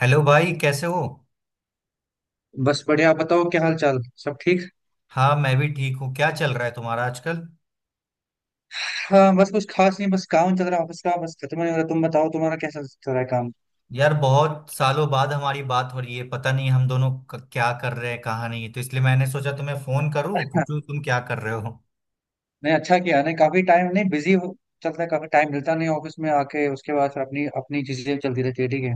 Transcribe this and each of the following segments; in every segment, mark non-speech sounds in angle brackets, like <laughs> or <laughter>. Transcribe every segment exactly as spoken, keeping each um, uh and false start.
Hello भाई, कैसे हो? बस बढ़िया। आप बताओ क्या हाल चाल। सब ठीक। हाँ, मैं भी ठीक हूँ। क्या चल रहा है तुम्हारा आजकल? हाँ, बस कुछ खास नहीं, बस काम चल रहा है ऑफिस का, बस खत्म नहीं हो रहा। तुम बताओ तुम्हारा कैसा चल रहा है काम। यार, बहुत सालों बाद हमारी बात हो रही है। पता नहीं हम दोनों क- क्या कर रहे हैं, कहाँ, नहीं तो। इसलिए मैंने सोचा तुम्हें फोन करूँ, पूछूं <laughs> तुम क्या कर रहे हो। नहीं, अच्छा किया। नहीं, काफी टाइम, नहीं बिजी हो। चलता है। काफी टाइम मिलता नहीं, ऑफिस में आके उसके बाद फिर अपनी अपनी चीजें चलती रहती है। ठीक है।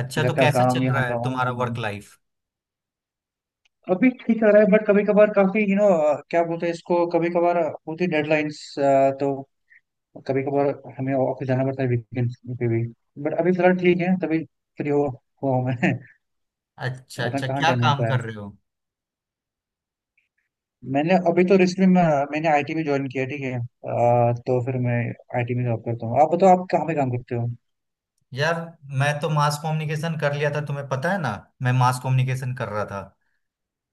अच्छा, घर तो का कैसा काम, चल यहाँ रहा का है वहाँ तुम्हारा का काम। Work life? अभी ठीक चल रहा है, बट कभी कभार काफी यू नो, क्या बोलते हैं इसको, कभी कभार होती डेडलाइंस, तो कभी कभार हमें ऑफिस जाना पड़ता है वीकेंड पे भी। बट अभी फिलहाल ठीक है, तभी फ्री हो हुआ हूँ मैं। <laughs> अच्छा वरना अच्छा, कहाँ क्या टाइम काम मिलता है। कर रहे हो? मैंने अभी तो रिसेंटली में मैंने आईटी में ज्वाइन किया। ठीक है, अ, तो फिर मैं आईटी में जॉब करता हूँ। आप बताओ आप कहाँ पे काम करते हो। यार, मैं तो मास कम्युनिकेशन कर लिया था, तुम्हें पता है ना। मैं मास कम्युनिकेशन कर रहा था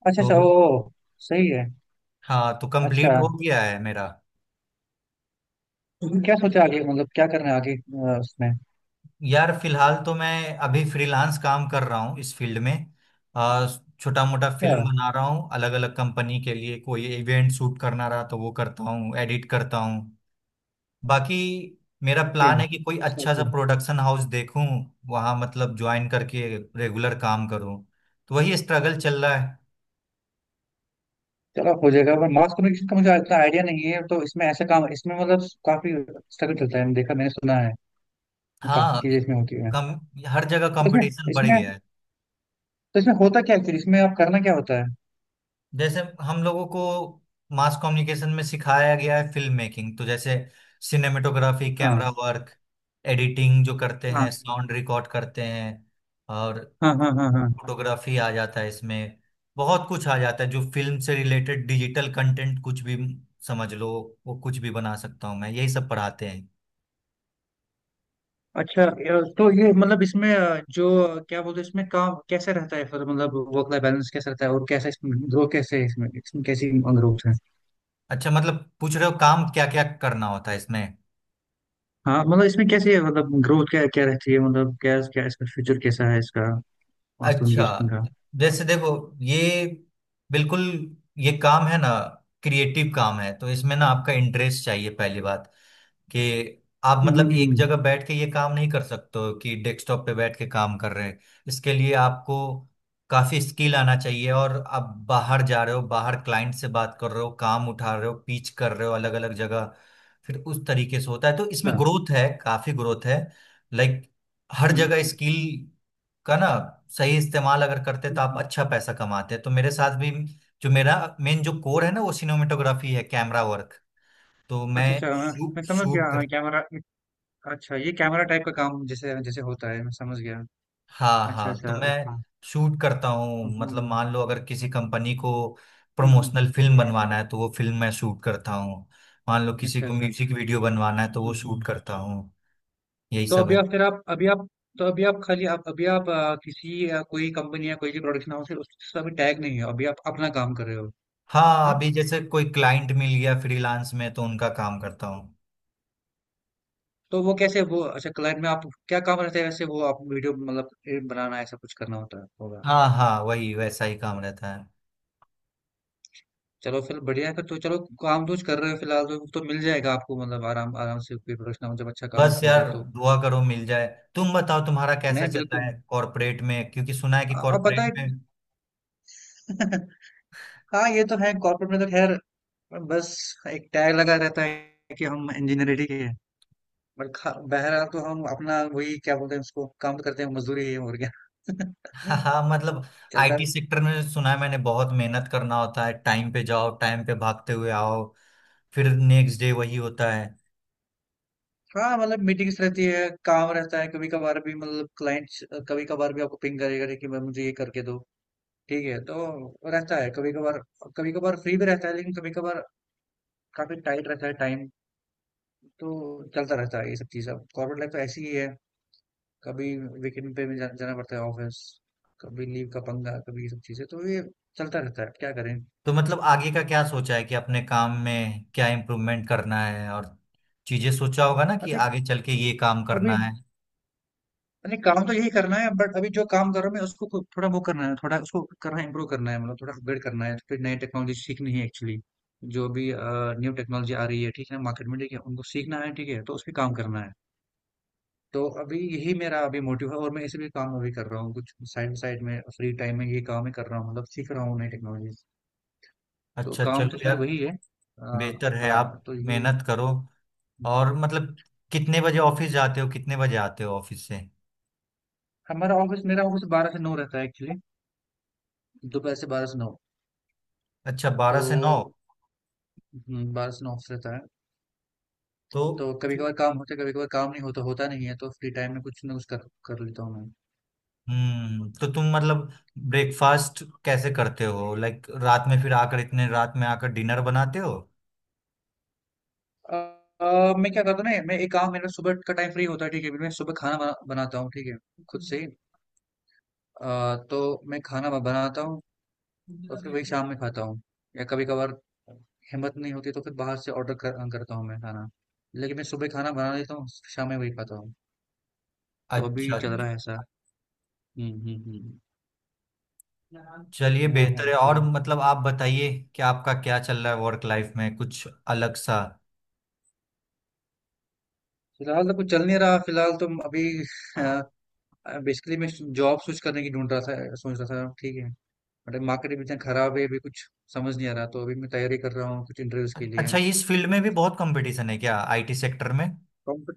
अच्छा तो। अच्छा, ओ। सही है। हाँ, तो अच्छा, कंप्लीट हो गया है मेरा। तुमने क्या सोचा आगे, मतलब क्या करना है आगे अ, उसमें। यार, फिलहाल तो मैं अभी फ्रीलांस काम कर रहा हूँ इस फील्ड में। छोटा मोटा अच्छा, फिल्म बना रहा हूँ अलग अलग कंपनी के लिए। कोई इवेंट शूट करना रहा तो वो करता हूँ, एडिट करता हूँ। बाकी, मेरा ओके। प्लान है कि कोई अच्छा अच्छा सा अच्छा। प्रोडक्शन हाउस देखूँ, वहाँ मतलब ज्वाइन करके रेगुलर काम करूँ। तो वही स्ट्रगल चल रहा है। चलो हो जाएगा। पर मास कम्युनिकेशन का मुझे इतना आइडिया नहीं है, तो इसमें ऐसा काम, इसमें मतलब काफी स्ट्रगल चलता है, मैंने देखा, मैंने सुना है। काफी हाँ, चीजें इसमें होती है। कम। हर जगह तो इसमें कंपटीशन बढ़ इसमें गया है। तो इसमें होता क्या एक्चुअली, इसमें आप करना क्या होता है। जैसे हम लोगों को मास कम्युनिकेशन में सिखाया गया है फिल्म मेकिंग। तो जैसे सिनेमेटोग्राफी, हाँ, कैमरा वर्क, एडिटिंग जो करते हाँ, हैं, साउंड रिकॉर्ड करते हैं, और हाँ, हाँ, हाँ, हाँ। फोटोग्राफी आ जाता है इसमें। बहुत कुछ आ जाता है जो फिल्म से रिलेटेड, डिजिटल कंटेंट कुछ भी, समझ लो, वो कुछ भी बना सकता हूँ मैं। यही सब पढ़ाते हैं। अच्छा। अ, तो ये मतलब इसमें, अ, जो, अ, क्या बोलते हैं, इसमें काम कैसे रहता है फिर, मतलब वर्क लाइफ बैलेंस कैसे रहता है, और कैसे इसमें ग्रोथ कैसे है, इसमें इसमें कैसी ग्रोथ है। अच्छा, मतलब पूछ रहे हो काम क्या क्या करना होता है इसमें? हाँ, मतलब इसमें कैसी है, मतलब ग्रोथ क्या क्या रहती है, मतलब क्या क्या इसका फ्यूचर कैसा है इसका, मास अच्छा, कम्युनिकेशन का। जैसे देखो ये, बिल्कुल, ये काम है ना, क्रिएटिव काम है, तो इसमें ना आपका इंटरेस्ट चाहिए पहली बात। कि आप हम्म, मतलब हम्म, एक हम्म। जगह बैठ के ये काम नहीं कर सकते हो कि डेस्कटॉप पे बैठ के काम कर रहे हैं। इसके लिए आपको काफी स्किल आना चाहिए, और आप बाहर जा रहे हो, बाहर क्लाइंट से बात कर रहे हो, काम उठा रहे हो, पिच कर रहे हो अलग अलग जगह। फिर उस तरीके से होता है। तो इसमें अच्छा। ग्रोथ है, काफी ग्रोथ है। लाइक हर हम्म, हम्म, जगह हम्म। स्किल का ना सही इस्तेमाल अगर करते हम्म, तो आप हम्म। अच्छा पैसा कमाते हैं। तो मेरे साथ भी जो मेरा मेन जो कोर है ना वो सिनेमेटोग्राफी है, कैमरा वर्क। तो मैं अच्छा अच्छा, मैं मैं शूट समझ गया, शूट। हाँ, कैमरा। अच्छा, ये कैमरा टाइप का काम जैसे जैसे होता है, मैं समझ गया। हाँ अच्छा हाँ, तो अच्छा, मैं ओके। हम्म। शूट करता हूँ, मतलब हम्म, मान लो अगर किसी कंपनी को हम्म, हम्म। प्रमोशनल फिल्म बनवाना है तो वो फिल्म मैं शूट करता हूँ। मान लो किसी अच्छा को अच्छा। म्यूजिक वीडियो बनवाना है तो वो हम्म, शूट हम्म। करता हूँ। यही तो सब अभी है। आप फिर आप अभी आप तो अभी आप खाली आप अभी आप आ, किसी आ, कोई कंपनी या कोई भी प्रोडक्शन हाउस है उससे अभी टैग नहीं हो, अभी आप अपना काम कर रहे हो। हाँ, हाँ। अभी जैसे कोई क्लाइंट मिल गया फ्रीलांस में तो उनका काम करता हूँ। तो वो कैसे, वो अच्छा, क्लाइंट में आप क्या काम रहता है वैसे, वो आप वीडियो मतलब ए, बनाना ऐसा कुछ करना होता है, होगा। हाँ हाँ, वही वैसा ही काम रहता है। चलो फिर बढ़िया है, फिर तो चलो, काम तो कुछ कर रहे हो फिलहाल तो तो मिल जाएगा आपको, मतलब आराम आराम से कोई प्रोडक्शन हाउस जब अच्छा काम बस होगा यार, तो। दुआ करो मिल जाए। तुम बताओ तुम्हारा कैसा नहीं, चल रहा बिल्कुल। है कॉरपोरेट में? क्योंकि सुना है कि आ- आप कॉरपोरेट बताए। में। <laughs> हाँ, ये तो है कॉर्पोरेट में, तो खैर बस एक टैग लगा रहता है कि हम इंजीनियरिंग के, और खा बहरहाल तो हम अपना वही, क्या बोलते हैं उसको, काम करते हैं, मजदूरी है और क्या। हाँ हाँ, मतलब <laughs> चलता है। आई टी सेक्टर में सुना है मैंने बहुत मेहनत करना होता है। टाइम पे जाओ, टाइम पे भागते हुए आओ, फिर नेक्स्ट डे वही होता है। हाँ, मतलब मीटिंग्स रहती है, काम रहता है। कभी कभार भी मतलब क्लाइंट्स कभी कभार भी आपको पिंग करेगा कि मैं मुझे ये करके दो। ठीक है, तो रहता है कभी कभार। कभी कभार फ्री भी रहता है, लेकिन कभी कभार काफी टाइट रहता है टाइम। तो चलता रहता है ये सब चीज़, अब कॉर्पोरेट लाइफ तो ऐसी ही है। कभी वीकेंड पे भी जा, जाना पड़ता है ऑफिस, कभी लीव का पंगा, कभी ये सब चीज़ें, तो ये चलता रहता है, क्या करें। तो मतलब आगे का क्या सोचा है कि अपने काम में क्या इम्प्रूवमेंट करना है, और चीजें सोचा होगा ना कि अभी आगे चल के ये काम अभी करना है। नहीं, काम तो यही करना है, बट अभी जो काम कर रहा हूँ मैं उसको खुद थोड़ा वो करना है, थोड़ा उसको करना है, इम्प्रूव करना है, मतलब थोड़ा अपग्रेड करना है, फिर नई टेक्नोलॉजी सीखनी है एक्चुअली। जो भी न्यू टेक्नोलॉजी आ रही है ठीक है मार्केट में, ठीक है उनको सीखना है, ठीक है तो उस पर काम करना है। तो अभी यही मेरा अभी मोटिव है, और मैं इसी पे काम अभी कर रहा हूँ, कुछ साइड बाई साइड में फ्री टाइम में ये काम ही कर रहा हूँ, मतलब सीख रहा हूँ नई टेक्नोलॉजी। तो अच्छा, काम चलो तो खैर यार। वही है। अ, बेहतर है, आप हाँ तो ये। मेहनत करो। और मतलब कितने बजे ऑफिस जाते हो, कितने बजे आते हो ऑफिस से? हमारा ऑफिस मेरा ऑफिस बारह से नौ रहता है एक्चुअली, दोपहर से बारह से नौ। अच्छा, बारह से नौ। तो हम्म, बारह से नौ ऑफिस रहता है। तो तो कभी कभार काम होता है, कभी कभार काम नहीं होता, होता नहीं है, तो फ्री टाइम में कुछ ना कुछ कर कर लेता हूँ मैं। हम्म, तो तुम मतलब ब्रेकफास्ट कैसे करते हो? लाइक रात में फिर आकर, इतने रात में आकर डिनर बनाते हो? अ, अ, मैं क्या करता हूँ ना, मैं एक काम, मेरा सुबह का टाइम फ्री होता है ठीक है, मैं सुबह खाना बना, बनाता हूँ ठीक है, खुद से ही। अ, तो मैं खाना ब- बनाता हूँ, और फिर वही शाम में खाता हूँ, या कभी कभार हिम्मत नहीं होती तो फिर बाहर से ऑर्डर कर, करता हूँ मैं खाना, लेकिन मैं सुबह खाना बना लेता हूँ, शाम में वही खाता हूँ। तो अच्छा अभी चल रहा अच्छा। है ऐसा। हम्म, हम्म, हम्म। चलिए वो है बेहतर है। और एक्चुअली, मतलब आप बताइए कि आपका क्या चल रहा है वर्क लाइफ में, कुछ अलग सा? फिलहाल तो कुछ चल नहीं रहा, फिलहाल तो अभी। <laughs> बेसिकली मैं जॉब स्विच करने की ढूंढ रहा था, सोच रहा था ठीक है, बट मार्केट भी इतना खराब है, अभी कुछ समझ नहीं आ रहा, तो अभी मैं तैयारी कर रहा हूँ कुछ इंटरव्यूज के लिए। अच्छा, इस फील्ड में भी बहुत कंपटीशन है क्या, आई टी सेक्टर में? कॉम्प-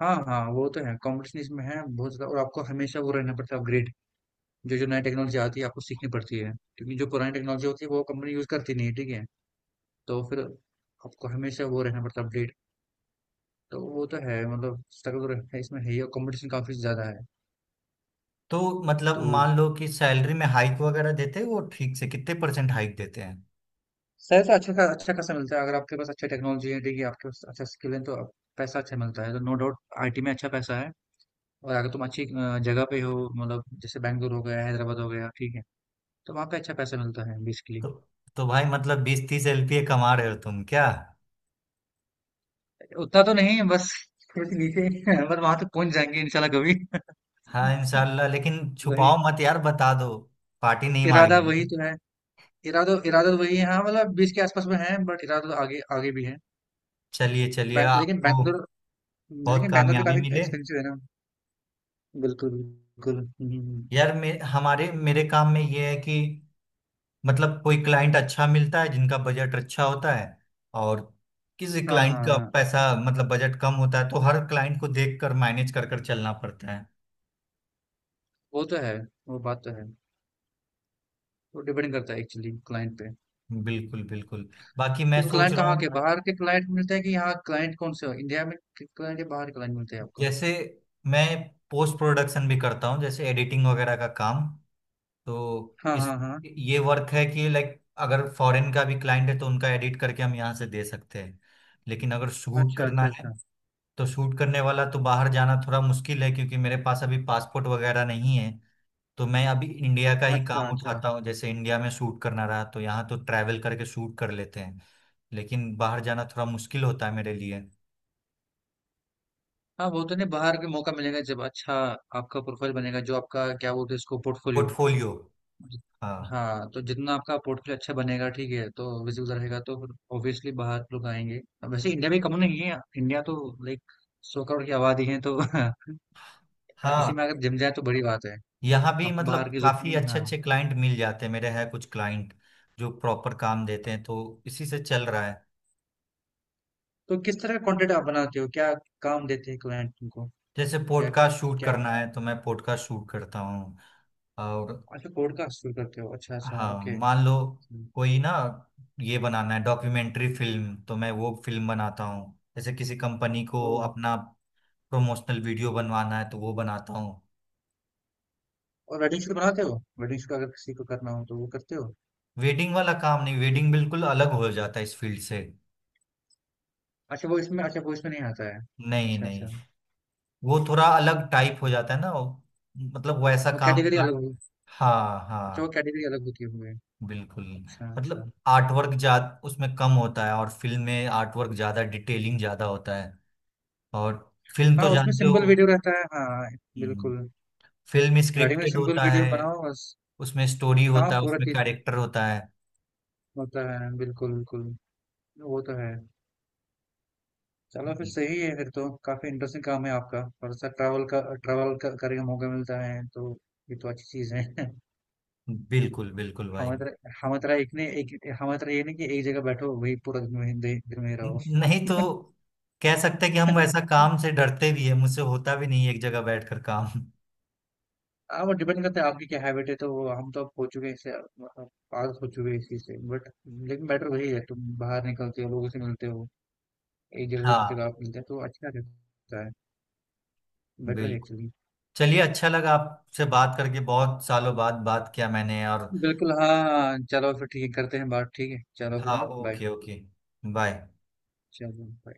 हाँ हाँ, वो तो है, कंपटीशन इसमें है बहुत ज़्यादा, और आपको हमेशा वो रहना पड़ता है अपग्रेड। जो जो नई टेक्नोलॉजी आती है आपको सीखनी पड़ती है, क्योंकि जो पुरानी टेक्नोलॉजी होती है वो कंपनी यूज़ करती नहीं है, ठीक है। तो फिर आपको हमेशा वो रहना पड़ता है अपडेट। तो वो तो है, मतलब स्ट्रगल है इसमें है ही, और कंपटीशन काफ़ी ज़्यादा है। तो मतलब तो मान लो कि सैलरी में हाइक वगैरह देते हैं वो ठीक से कितने परसेंट हाइक देते हैं? सैलरी अच्छा खा अच्छा खासा मिलता है, अगर आपके पास अच्छी टेक्नोलॉजी है, देखिए आपके पास अच्छा स्किल है तो आप- पैसा अच्छा मिलता है, तो नो डाउट आईटी में अच्छा पैसा है। और अगर तुम अच्छी अ, जगह पे हो, मतलब जैसे बैंगलोर हो गया, हैदराबाद हो गया, ठीक है, तो वहाँ पे अच्छा पैसा मिलता है बेसिकली। तो तो भाई, मतलब बीस तीस एल पी ए कमा रहे हो तुम क्या? उतना तो नहीं, बस थोड़े से नीचे। <laughs> बस वहां तक पहुंच जाएंगे इंशाल्लाह कभी। हाँ <laughs> इंशाल्लाह, लेकिन वही छुपाओ मत यार, बता दो। पार्टी नहीं इरादा वही मांगेंगे। तो है, इरादा इरादा तो वही है। हाँ, मतलब बीस के आसपास में है, बट इरादा तो आगे आगे भी है। चलिए चलिए, बै- लेकिन आपको बैंगलोर बहुत लेकिन बैंगलोर भी कामयाबी काफी मिले। एक्सपेंसिव है ना। बिल्कुल बिल्कुल। हम्म, हम्म, हम्म। यार, मे, हमारे मेरे काम में ये है कि मतलब कोई क्लाइंट अच्छा मिलता है जिनका बजट अच्छा होता है, और किसी हाँ, क्लाइंट हाँ, का हाँ, पैसा मतलब बजट कम होता है, तो हर क्लाइंट को देख कर मैनेज कर कर चलना पड़ता है। वो तो है, वो बात तो है। वो डिपेंड करता है एक्चुअली क्लाइंट पे। बिल्कुल बिल्कुल। बाकी मैं तो सोच क्लाइंट रहा कहाँ के, हूँ, बाहर के क्लाइंट मिलते हैं कि यहाँ क्लाइंट कौन से हो? इंडिया में क्लाइंट, या बाहर क्लाइंट मिलते हैं आपको? जैसे मैं पोस्ट प्रोडक्शन भी करता हूँ, जैसे एडिटिंग वगैरह का काम। तो हाँ, इस हाँ, हाँ। ये वर्क है कि लाइक अगर फॉरेन का भी क्लाइंट है तो उनका एडिट करके हम यहाँ से दे सकते हैं। लेकिन अगर शूट अच्छा, करना अच्छा, है अच्छा। तो शूट करने वाला तो बाहर जाना थोड़ा मुश्किल है, क्योंकि मेरे पास अभी पासपोर्ट वगैरह नहीं है। तो मैं अभी इंडिया का ही अच्छा, काम अच्छा। उठाता हूँ। जैसे इंडिया में शूट करना रहा तो यहाँ तो ट्रैवल करके शूट कर लेते हैं। लेकिन बाहर जाना थोड़ा मुश्किल होता है मेरे लिए। हाँ, वो तो नहीं, बाहर के मौका मिलेगा जब अच्छा आपका प्रोफाइल बनेगा, जो आपका क्या बोलते हैं इसको, पोर्टफोलियो। पोर्टफोलियो, हाँ हाँ, तो जितना आपका पोर्टफोलियो अच्छा बनेगा ठीक है, तो विजिबल रहेगा, तो फिर ऑब्वियसली बाहर लोग आएंगे। अब वैसे इंडिया भी कम नहीं है, इंडिया तो लाइक 100 करोड़ की आबादी है तो। <laughs> इसी हाँ। में अगर जम जाए तो बड़ी बात है। यहाँ भी आपको मतलब बाहर की जरूरत काफी नहीं है, अच्छे हाँ। अच्छे क्लाइंट मिल जाते हैं, मेरे हैं कुछ क्लाइंट जो प्रॉपर काम देते हैं, तो इसी से चल रहा है। तो किस तरह का कंटेंट आप बनाते हो, क्या काम देते हैं क्लाइंट को। जैसे क्या, पॉडकास्ट शूट क्या। करना है तो मैं पॉडकास्ट शूट करता हूँ। और अच्छा, पॉडकास्ट शुरू करते हो, अच्छा अच्छा, हाँ, ओके। मान लो कोई ना, ये बनाना है डॉक्यूमेंट्री फिल्म तो मैं वो फिल्म बनाता हूँ। जैसे किसी कंपनी को ओ। अपना प्रमोशनल वीडियो बनवाना है तो वो बनाता हूँ। और वेडिंग शूट बनाते हो, वेडिंग शूट अगर किसी को करना हो तो वो करते हो? वेडिंग वाला काम नहीं, वेडिंग बिल्कुल अलग हो जाता है इस फील्ड से। अच्छा वो इसमें अच्छा, वो इसमें नहीं आता है। नहीं अच्छा नहीं। अच्छा। वो- थोड़ा अलग टाइप हो अच्छा, जाता है ना वो- मतलब वैसा वो काम कैटेगरी प्लान। अलग होगी। हाँ अच्छा, वो हाँ। कैटेगरी अलग होती होगी। बिल्कुल। अच्छा अच्छा। मतलब आर्टवर्क जा उसमें कम होता है, और फिल्म में आर्टवर्क ज्यादा, डिटेलिंग ज्यादा होता है। और फिल्म हाँ, तो उसमें जानते हो, सिंपल वीडियो रहता है, हाँ, हम्म। बिल्कुल। फिल्म वेडिंग में स्क्रिप्टेड सिंपल होता वीडियो है, बनाओ बस। उसमें स्टोरी हाँ, होता है, पूरा उसमें चीज कैरेक्टर होता है। होता है, बिल्कुल बिल्कुल, वो तो है। चलो फिर बिल- सही है, फिर तो काफी इंटरेस्टिंग काम है आपका, और सर ट्रैवल का ट्रैवल का, करने का मौका मिलता है तो ये तो अच्छी चीज है। <laughs> बिल्कुल बिल्कुल भाई। हमारी तरह हमारी तरह एक ने एक हमारी तरह ये नहीं कि एक जगह बैठो वही पूरा दिन वहीं दे- दिन में रहो। न- नहीं तो, कह सकते हैं कि हम वैसा <laughs> काम से डरते भी है, मुझसे होता भी नहीं है एक जगह बैठकर काम। हाँ, वो डिपेंड करता है आपकी क्या हैबिट है, तो वो हम तो अब हो चुके हैं इससे, मतलब आदत हो चुकी है इस चीज से, बट लेकिन बेटर वही है, तुम बाहर निकलते हो, लोगों से मिलते हो, एक जगह से दूसरी जगह हाँ। आप मिलते हैं तो अच्छा रहता है। बेटर है बिल्कुल। एक्चुअली। चलिए, अच्छा लगा आपसे बात करके, बहुत सालों बाद बात किया मैंने। और बिल्कुल। हाँ, चलो फिर ठीक है, करते हैं बात, ठीक है, चलो फिर, हाँ, हाँ, बाय। Okay okay, bye. चलो bye।